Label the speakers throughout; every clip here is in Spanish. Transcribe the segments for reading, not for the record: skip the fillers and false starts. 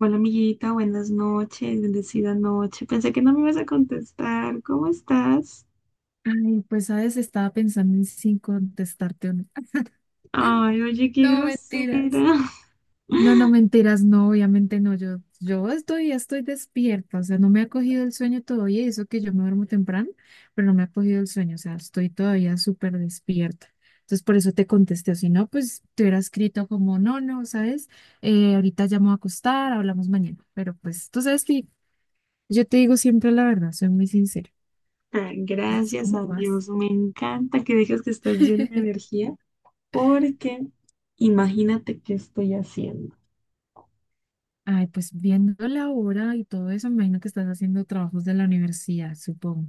Speaker 1: Hola amiguita, buenas noches, bendecida noche. Pensé que no me ibas a contestar. ¿Cómo estás?
Speaker 2: Ay, pues sabes, estaba pensando en si contestarte o no.
Speaker 1: Ay, oye, qué
Speaker 2: No, mentiras.
Speaker 1: grosera.
Speaker 2: No, no, mentiras, no, obviamente no. Yo estoy, ya estoy despierta, o sea, no me ha cogido el sueño todavía, y eso que yo me duermo temprano, pero no me ha cogido el sueño, o sea, estoy todavía súper despierta. Entonces, por eso te contesté, o si no, pues te hubiera escrito como, no, no, ¿sabes? Ahorita ya me voy a acostar, hablamos mañana. Pero pues tú sabes que yo te digo siempre la verdad, soy muy sincera.
Speaker 1: Ah,
Speaker 2: Entonces,
Speaker 1: gracias
Speaker 2: ¿cómo
Speaker 1: a
Speaker 2: vas?
Speaker 1: Dios, me encanta que digas que estás llena de energía, porque imagínate qué estoy haciendo.
Speaker 2: Ay, pues viendo la hora y todo eso, me imagino que estás haciendo trabajos de la universidad, supongo.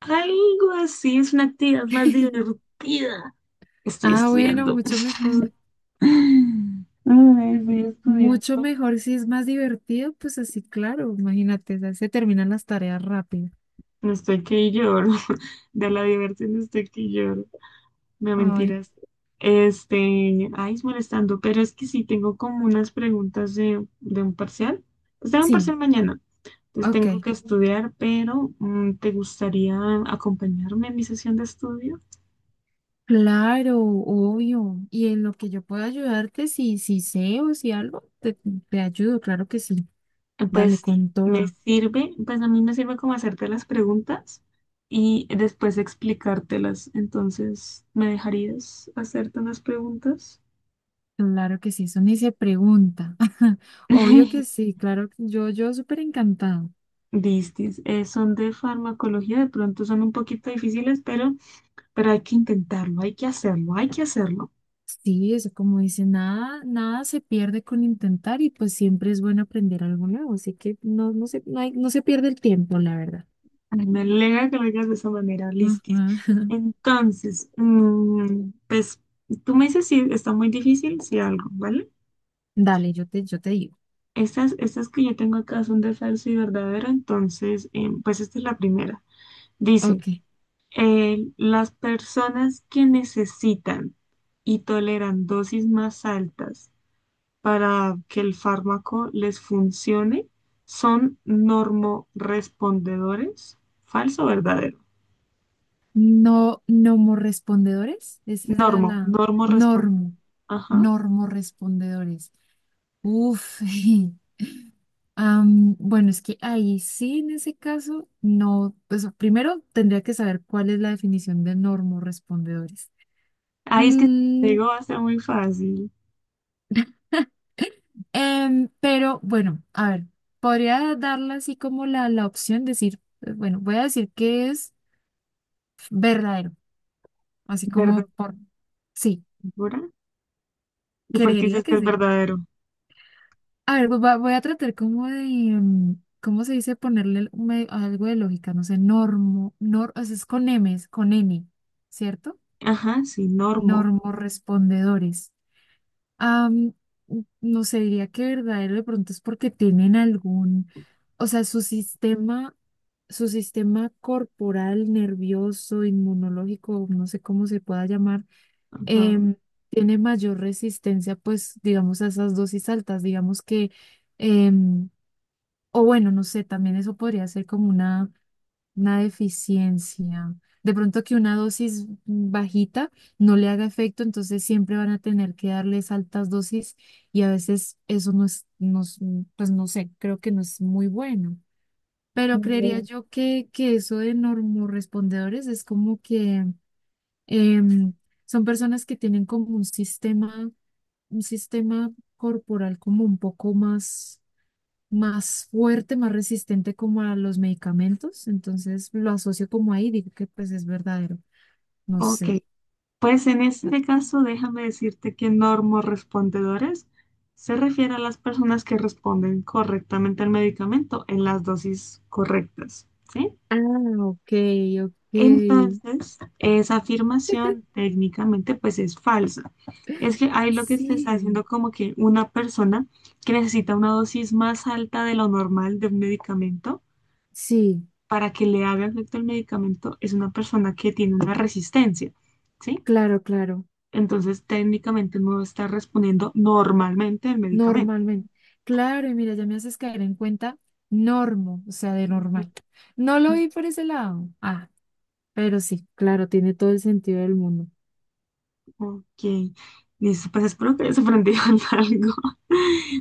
Speaker 1: Algo así, es una actividad más divertida. Estoy
Speaker 2: Ah, bueno,
Speaker 1: estudiando.
Speaker 2: mucho mejor.
Speaker 1: Ay, estoy
Speaker 2: Mucho
Speaker 1: estudiando.
Speaker 2: mejor si es más divertido, pues así, claro, imagínate, ya se terminan las tareas rápido.
Speaker 1: Estoy que lloro. De la diversión estoy que lloro. No
Speaker 2: Ay,
Speaker 1: mentiras. Este, ay, es molestando, pero es que sí tengo como unas preguntas de un parcial. Pues tengo un
Speaker 2: sí,
Speaker 1: parcial mañana, entonces
Speaker 2: ok.
Speaker 1: tengo que estudiar, pero ¿te gustaría acompañarme en mi sesión de estudio?
Speaker 2: Claro, obvio. Y en lo que yo pueda ayudarte, si sé o si algo, te ayudo, claro que sí.
Speaker 1: Pues
Speaker 2: Dale
Speaker 1: sí,
Speaker 2: con
Speaker 1: me
Speaker 2: toda.
Speaker 1: sirve, pues a mí me sirve como hacerte las preguntas y después explicártelas. Entonces, ¿me dejarías hacerte unas preguntas?
Speaker 2: Claro que sí, eso ni se pregunta. Obvio que sí, claro, yo súper encantada.
Speaker 1: Listis, son de farmacología, de pronto son un poquito difíciles, pero hay que intentarlo, hay que hacerlo, hay que hacerlo.
Speaker 2: Sí, eso como dice, nada, nada se pierde con intentar y pues siempre es bueno aprender algo nuevo, así que no, no se pierde el tiempo, la verdad.
Speaker 1: Ay, me alegra que lo digas de esa manera, listis.
Speaker 2: Ajá.
Speaker 1: Entonces, pues tú me dices si está muy difícil, si algo, ¿vale?
Speaker 2: Dale, yo te digo.
Speaker 1: Estas que yo tengo acá son de falso y verdadero, entonces, pues esta es la primera. Dice,
Speaker 2: Ok.
Speaker 1: las personas que necesitan y toleran dosis más altas para que el fármaco les funcione son normorespondedores. ¿Falso o verdadero?
Speaker 2: No, nomorrespondedores. Esa es
Speaker 1: Normo,
Speaker 2: la
Speaker 1: normorespondedor.
Speaker 2: normo.
Speaker 1: Ajá.
Speaker 2: Normorrespondedores. Uf. Bueno, es que ahí sí, en ese caso, no. Pues primero tendría que saber cuál es la definición de normorrespondedores.
Speaker 1: Ahí es que te
Speaker 2: Mm,
Speaker 1: digo, va a ser muy fácil.
Speaker 2: Pero bueno, a ver, podría darle así como la opción, decir, bueno, voy a decir que es verdadero, así como
Speaker 1: ¿Verdadero?
Speaker 2: por, sí,
Speaker 1: ¿Segura? ¿Y por qué
Speaker 2: creería
Speaker 1: dices que
Speaker 2: que
Speaker 1: es
Speaker 2: sí.
Speaker 1: verdadero?
Speaker 2: A ver, voy a tratar como de, ¿cómo se dice? Ponerle un algo de lógica, no sé, normo, nor, o sea, es con M's, con N, ¿cierto?
Speaker 1: Ajá, sí, normo.
Speaker 2: Normorrespondedores. Am, no sé, diría que verdadero de pronto es porque tienen algún, o sea, su sistema corporal, nervioso, inmunológico, no sé cómo se pueda llamar,
Speaker 1: Ajá.
Speaker 2: em, tiene mayor resistencia, pues, digamos, a esas dosis altas, digamos que, em, o bueno, no sé, también eso podría ser como una deficiencia. De pronto que una dosis bajita no le haga efecto, entonces siempre van a tener que darles altas dosis y a veces eso no es, pues no sé, creo que no es muy bueno. Pero creería
Speaker 1: Mm,
Speaker 2: yo que eso de normorrespondedores es como que em, son personas que tienen como un sistema corporal como un poco más más fuerte, más resistente como a los medicamentos, entonces lo asocio como ahí, digo que pues es verdadero, no
Speaker 1: ok.
Speaker 2: sé.
Speaker 1: Pues en este caso, déjame decirte que normorespondedores se refiere a las personas que responden correctamente al medicamento en las dosis correctas, ¿sí?
Speaker 2: Ah, ok, ok.
Speaker 1: Entonces, esa afirmación técnicamente pues es falsa. Es que ahí lo que se está haciendo
Speaker 2: Sí,
Speaker 1: como que una persona que necesita una dosis más alta de lo normal de un medicamento
Speaker 2: sí,
Speaker 1: para que le haga efecto el medicamento es una persona que tiene una resistencia, ¿sí?
Speaker 2: claro, claro,
Speaker 1: Entonces, técnicamente no está respondiendo normalmente al medicamento.
Speaker 2: normalmente. Claro, y mira, ya me haces caer en cuenta, normo, o sea, de normal. No lo vi por ese lado. Ah, pero sí, claro, tiene todo el sentido del mundo.
Speaker 1: Ok, listo, pues espero que hayas aprendido algo,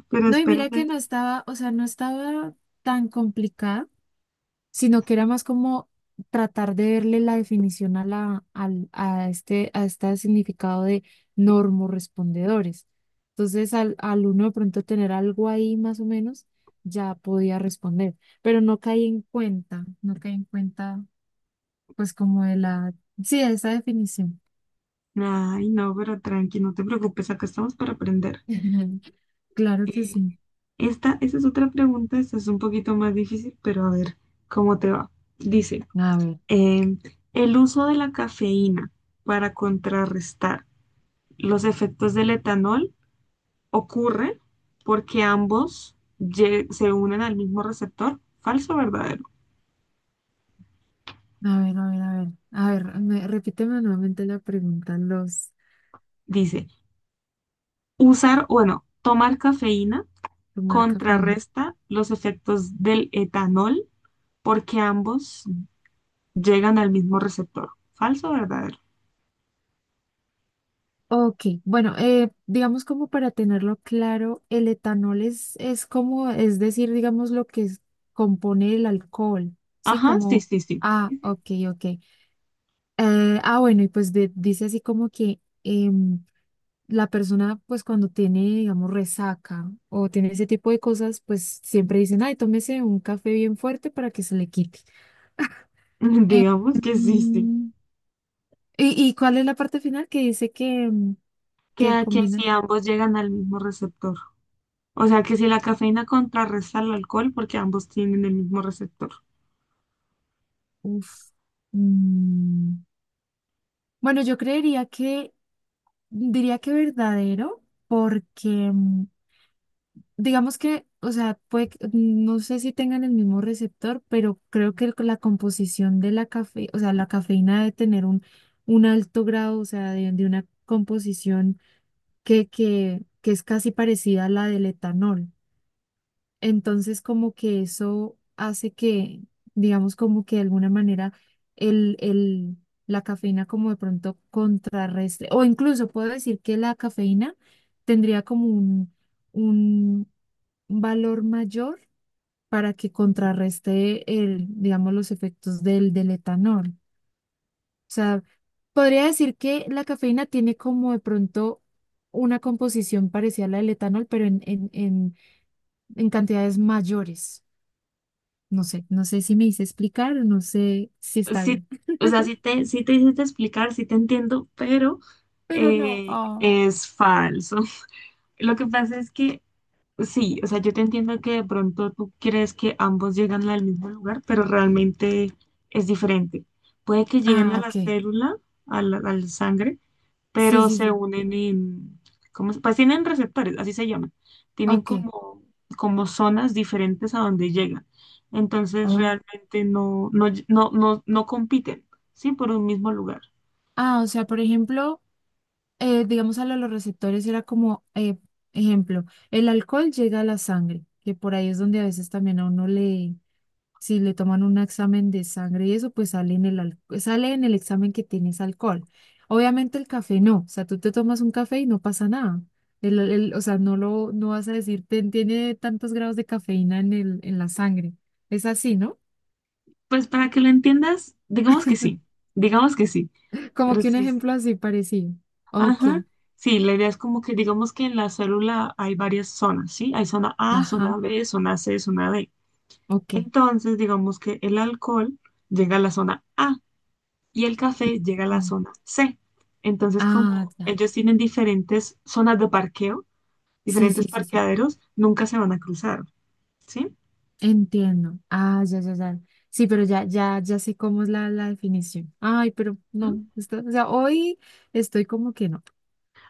Speaker 1: pero
Speaker 2: No, y mira
Speaker 1: espérame.
Speaker 2: que no estaba, o sea, no estaba tan complicada sino que era más como tratar de verle la definición a a este significado de normorespondedores. Entonces, al uno de pronto tener algo ahí más o menos, ya podía responder, pero no caí en cuenta, no caí en cuenta, pues como de sí, de esa definición.
Speaker 1: Ay, no, pero tranqui, no te preocupes, acá estamos para aprender.
Speaker 2: Claro que
Speaker 1: Eh,
Speaker 2: sí.
Speaker 1: Esta, esa es otra pregunta, esta es un poquito más difícil, pero a ver cómo te va. Dice,
Speaker 2: A ver,
Speaker 1: em, el uso de la cafeína para contrarrestar los efectos del etanol ocurre porque ambos se unen al mismo receptor, falso o verdadero.
Speaker 2: a ver, a ver, a ver, a ver, me- Repíteme nuevamente la pregunta, los,
Speaker 1: Dice, usar, bueno, tomar cafeína
Speaker 2: tu marca.
Speaker 1: contrarresta los efectos del etanol porque ambos llegan al mismo receptor. ¿Falso o verdadero?
Speaker 2: Ok, bueno, digamos como para tenerlo claro, el etanol es como, es decir, digamos lo que compone el alcohol, ¿sí?
Speaker 1: Ajá, sí,
Speaker 2: Como,
Speaker 1: sí, sí.
Speaker 2: ah,
Speaker 1: Ujú.
Speaker 2: ok, ok. Bueno, y pues dice así como que em, la persona, pues cuando tiene, digamos, resaca o tiene ese tipo de cosas, pues siempre dicen, ay, tómese un café bien fuerte para que se le quite.
Speaker 1: Digamos que sí, sí.
Speaker 2: Em, ¿Y, y cuál es la parte final que dice que, que él
Speaker 1: Que
Speaker 2: combina?
Speaker 1: si ambos llegan al mismo receptor. O sea, que si la cafeína contrarresta al alcohol porque ambos tienen el mismo receptor.
Speaker 2: Uf. Mm, Bueno, yo creería que, diría que verdadero, porque digamos que, o sea, puede, no sé si tengan el mismo receptor, pero creo que la composición de la cafe, o sea, la cafeína debe tener un alto grado, o sea, de una composición que es casi parecida a la del etanol. Entonces, como que eso hace que, digamos, como que de alguna manera el, el, la cafeína como de pronto contrarrestre, o incluso puedo decir que la cafeína tendría como un valor mayor para que contrarreste el, digamos, los efectos del, del etanol. O sea, podría decir que la cafeína tiene como de pronto una composición parecida a la del etanol, pero en en cantidades mayores. No sé, no sé si me hice explicar, no sé si está
Speaker 1: Sí,
Speaker 2: bien.
Speaker 1: o sea, sí te hiciste explicar, sí te entiendo, pero
Speaker 2: Pero no, ah,
Speaker 1: es falso. Lo que pasa es que sí, o sea, yo te entiendo que de pronto tú crees que ambos llegan al mismo lugar, pero realmente es diferente. Puede que lleguen
Speaker 2: ah,
Speaker 1: a la
Speaker 2: ok.
Speaker 1: célula, a la sangre,
Speaker 2: Sí,
Speaker 1: pero
Speaker 2: sí,
Speaker 1: se
Speaker 2: sí.
Speaker 1: unen en, ¿cómo se- pues tienen receptores, así se llaman. Tienen
Speaker 2: Ok.
Speaker 1: como, como zonas diferentes a donde llegan. Entonces
Speaker 2: Oh.
Speaker 1: realmente no compiten, ¿sí? Por un mismo lugar.
Speaker 2: Ah, o sea, por ejemplo, digamos a lo de los receptores era como, ejemplo, el alcohol llega a la sangre, que por ahí es donde a veces también a uno le, si le toman un examen de sangre y eso, pues sale en sale en el examen que tienes alcohol. Obviamente el café no, o sea, tú te tomas un café y no pasa nada. O sea, no lo, no vas a decir, "Ten- tiene tantos grados de cafeína en el, en la sangre. Es así, ¿no?
Speaker 1: Pues para que lo entiendas, digamos que sí, digamos que sí.
Speaker 2: Como
Speaker 1: Pero
Speaker 2: que un
Speaker 1: sí, sí,
Speaker 2: ejemplo así parecido. Ok,
Speaker 1: ajá. Sí, la idea es como que digamos que en la célula hay varias zonas, ¿sí? Hay zona A, zona
Speaker 2: ajá,
Speaker 1: B, zona C, zona D.
Speaker 2: ok.
Speaker 1: Entonces, digamos que el alcohol llega a la zona A y el café llega a la
Speaker 2: Mm,
Speaker 1: zona C. Entonces,
Speaker 2: ah,
Speaker 1: como
Speaker 2: ya.
Speaker 1: ellos tienen diferentes zonas de parqueo,
Speaker 2: Sí,
Speaker 1: diferentes
Speaker 2: sí, sí, sí.
Speaker 1: parqueaderos, nunca se van a cruzar, ¿sí?
Speaker 2: Entiendo. Ah, ya, ya, ya. Sí, pero ya, ya, ya sé cómo es la definición. Ay, pero
Speaker 1: ¿Mm?
Speaker 2: no, o sea, hoy estoy como que no,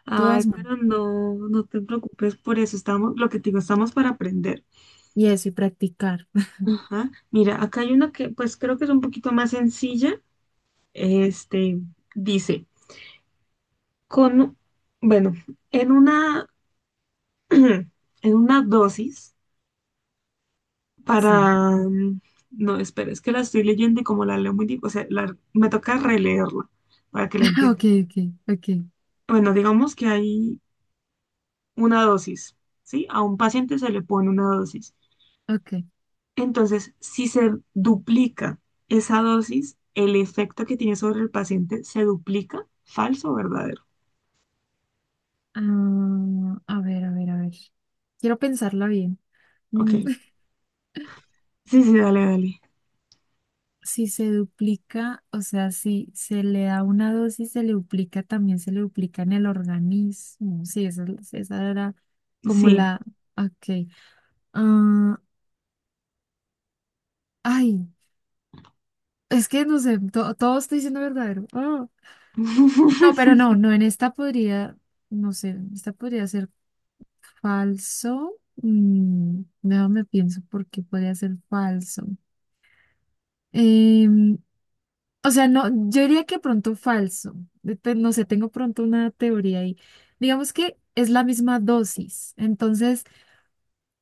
Speaker 1: Ay,
Speaker 2: todas mal.
Speaker 1: pero no, no te preocupes por eso, estamos, lo que te digo, estamos para aprender.
Speaker 2: Y eso, y practicar.
Speaker 1: Ajá. Mira, acá hay una que pues creo que es un poquito más sencilla. Este dice, con, bueno, en una, en una dosis
Speaker 2: Sí.
Speaker 1: para, no, espera, es que la estoy leyendo y como la leo muy, o sea, me toca releerla para que la
Speaker 2: Ok,
Speaker 1: entiendas.
Speaker 2: ok, ok,
Speaker 1: Bueno, digamos que hay una dosis, ¿sí? A un paciente se le pone una dosis.
Speaker 2: ok.
Speaker 1: Entonces, si se duplica esa dosis, el efecto que tiene sobre el paciente se duplica, falso o verdadero.
Speaker 2: Ah, a ver, a ver, a ver. Quiero pensarla bien.
Speaker 1: Ok.
Speaker 2: Mm,
Speaker 1: Sí, sí, dale, dale.
Speaker 2: Si se duplica, o sea, si se le da una dosis, se le duplica, también se le duplica en el organismo. Sí, esa era como
Speaker 1: Sí.
Speaker 2: la, ok. Ah, ay, es que no sé, todo estoy diciendo verdadero. Ah, no, pero no, no, en esta podría, no sé, en esta podría ser falso. Mm, déjame pienso por qué podría ser falso. Em, o sea, no, yo diría que pronto falso. No sé, tengo pronto una teoría ahí. Digamos que es la misma dosis. Entonces,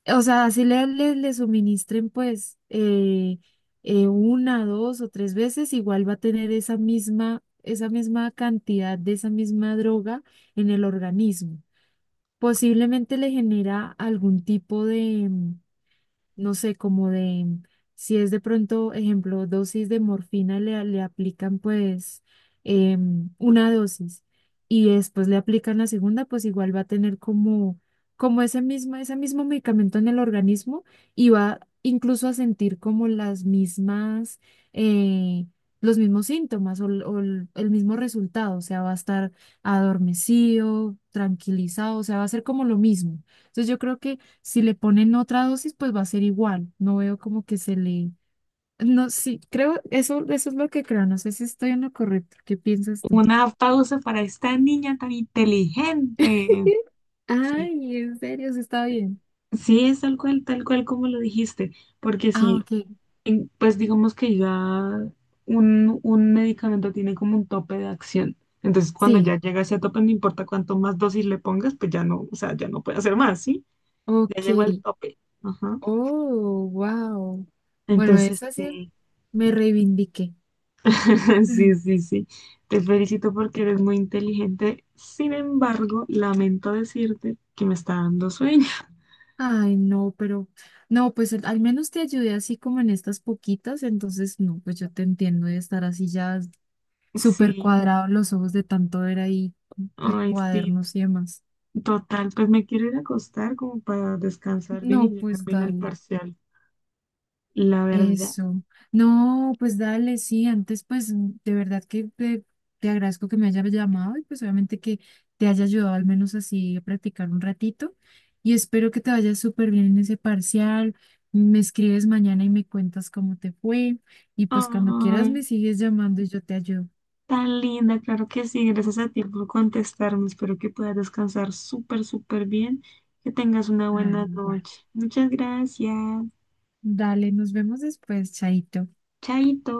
Speaker 2: o sea, así le suministren pues una, dos o tres veces, igual va a tener esa misma cantidad de esa misma droga en el organismo. Posiblemente le genera algún tipo de, no sé, como de, si es de pronto, ejemplo, dosis de morfina, le aplican pues una dosis y después le aplican la segunda, pues igual va a tener como, como ese mismo medicamento en el organismo y va incluso a sentir como las mismas, eh, los mismos síntomas o, el mismo resultado, o sea, va a estar adormecido, tranquilizado, o sea, va a ser como lo mismo. Entonces yo creo que si le ponen otra dosis, pues va a ser igual. No veo como que se le... No, sí, creo, eso es lo que creo. No sé si estoy en lo correcto. ¿Qué piensas tú?
Speaker 1: Una pausa para esta niña tan inteligente. Sí,
Speaker 2: Ay, en serio, sí está bien.
Speaker 1: sí, es tal cual como lo dijiste, porque
Speaker 2: Ah,
Speaker 1: si,
Speaker 2: ok.
Speaker 1: en- pues digamos que ya un medicamento tiene como un tope de acción. Entonces, cuando
Speaker 2: Sí,
Speaker 1: ya llega a ese tope, no importa cuánto más dosis le pongas, pues ya no, o sea, ya no puede hacer más, ¿sí? Ya
Speaker 2: ok.
Speaker 1: llegó al tope. Ajá.
Speaker 2: Oh, wow. Bueno,
Speaker 1: Entonces,
Speaker 2: eso sí,
Speaker 1: sí.
Speaker 2: me reivindiqué.
Speaker 1: Sí,
Speaker 2: Ujú.
Speaker 1: sí, sí. Te felicito porque eres muy inteligente. Sin embargo, lamento decirte que me está dando sueño.
Speaker 2: Ay, no, pero no, pues al al menos te ayudé así como en estas poquitas, entonces no, pues yo te entiendo de estar así ya súper
Speaker 1: Sí,
Speaker 2: cuadrados los ojos de tanto ver ahí de
Speaker 1: ay, sí.
Speaker 2: cuadernos y demás.
Speaker 1: Total, pues me quiero ir a acostar como para descansar bien y
Speaker 2: No,
Speaker 1: llegar
Speaker 2: pues
Speaker 1: bien al
Speaker 2: dale,
Speaker 1: parcial. La verdad.
Speaker 2: eso. No, pues dale, sí, antes pues de verdad que te agradezco que me hayas llamado y pues obviamente que te haya ayudado al menos así a practicar un ratito y espero que te vaya súper bien en ese parcial. Me escribes mañana y me cuentas cómo te fue y pues cuando quieras
Speaker 1: Ay,
Speaker 2: me sigues llamando y yo te ayudo.
Speaker 1: tan linda, claro que sí. Gracias a ti por contestarme. Espero que puedas descansar súper, súper bien. Que tengas una
Speaker 2: Ay,
Speaker 1: buena
Speaker 2: igual.
Speaker 1: noche. Muchas gracias.
Speaker 2: Dale, nos vemos después, chaito.
Speaker 1: Chaito.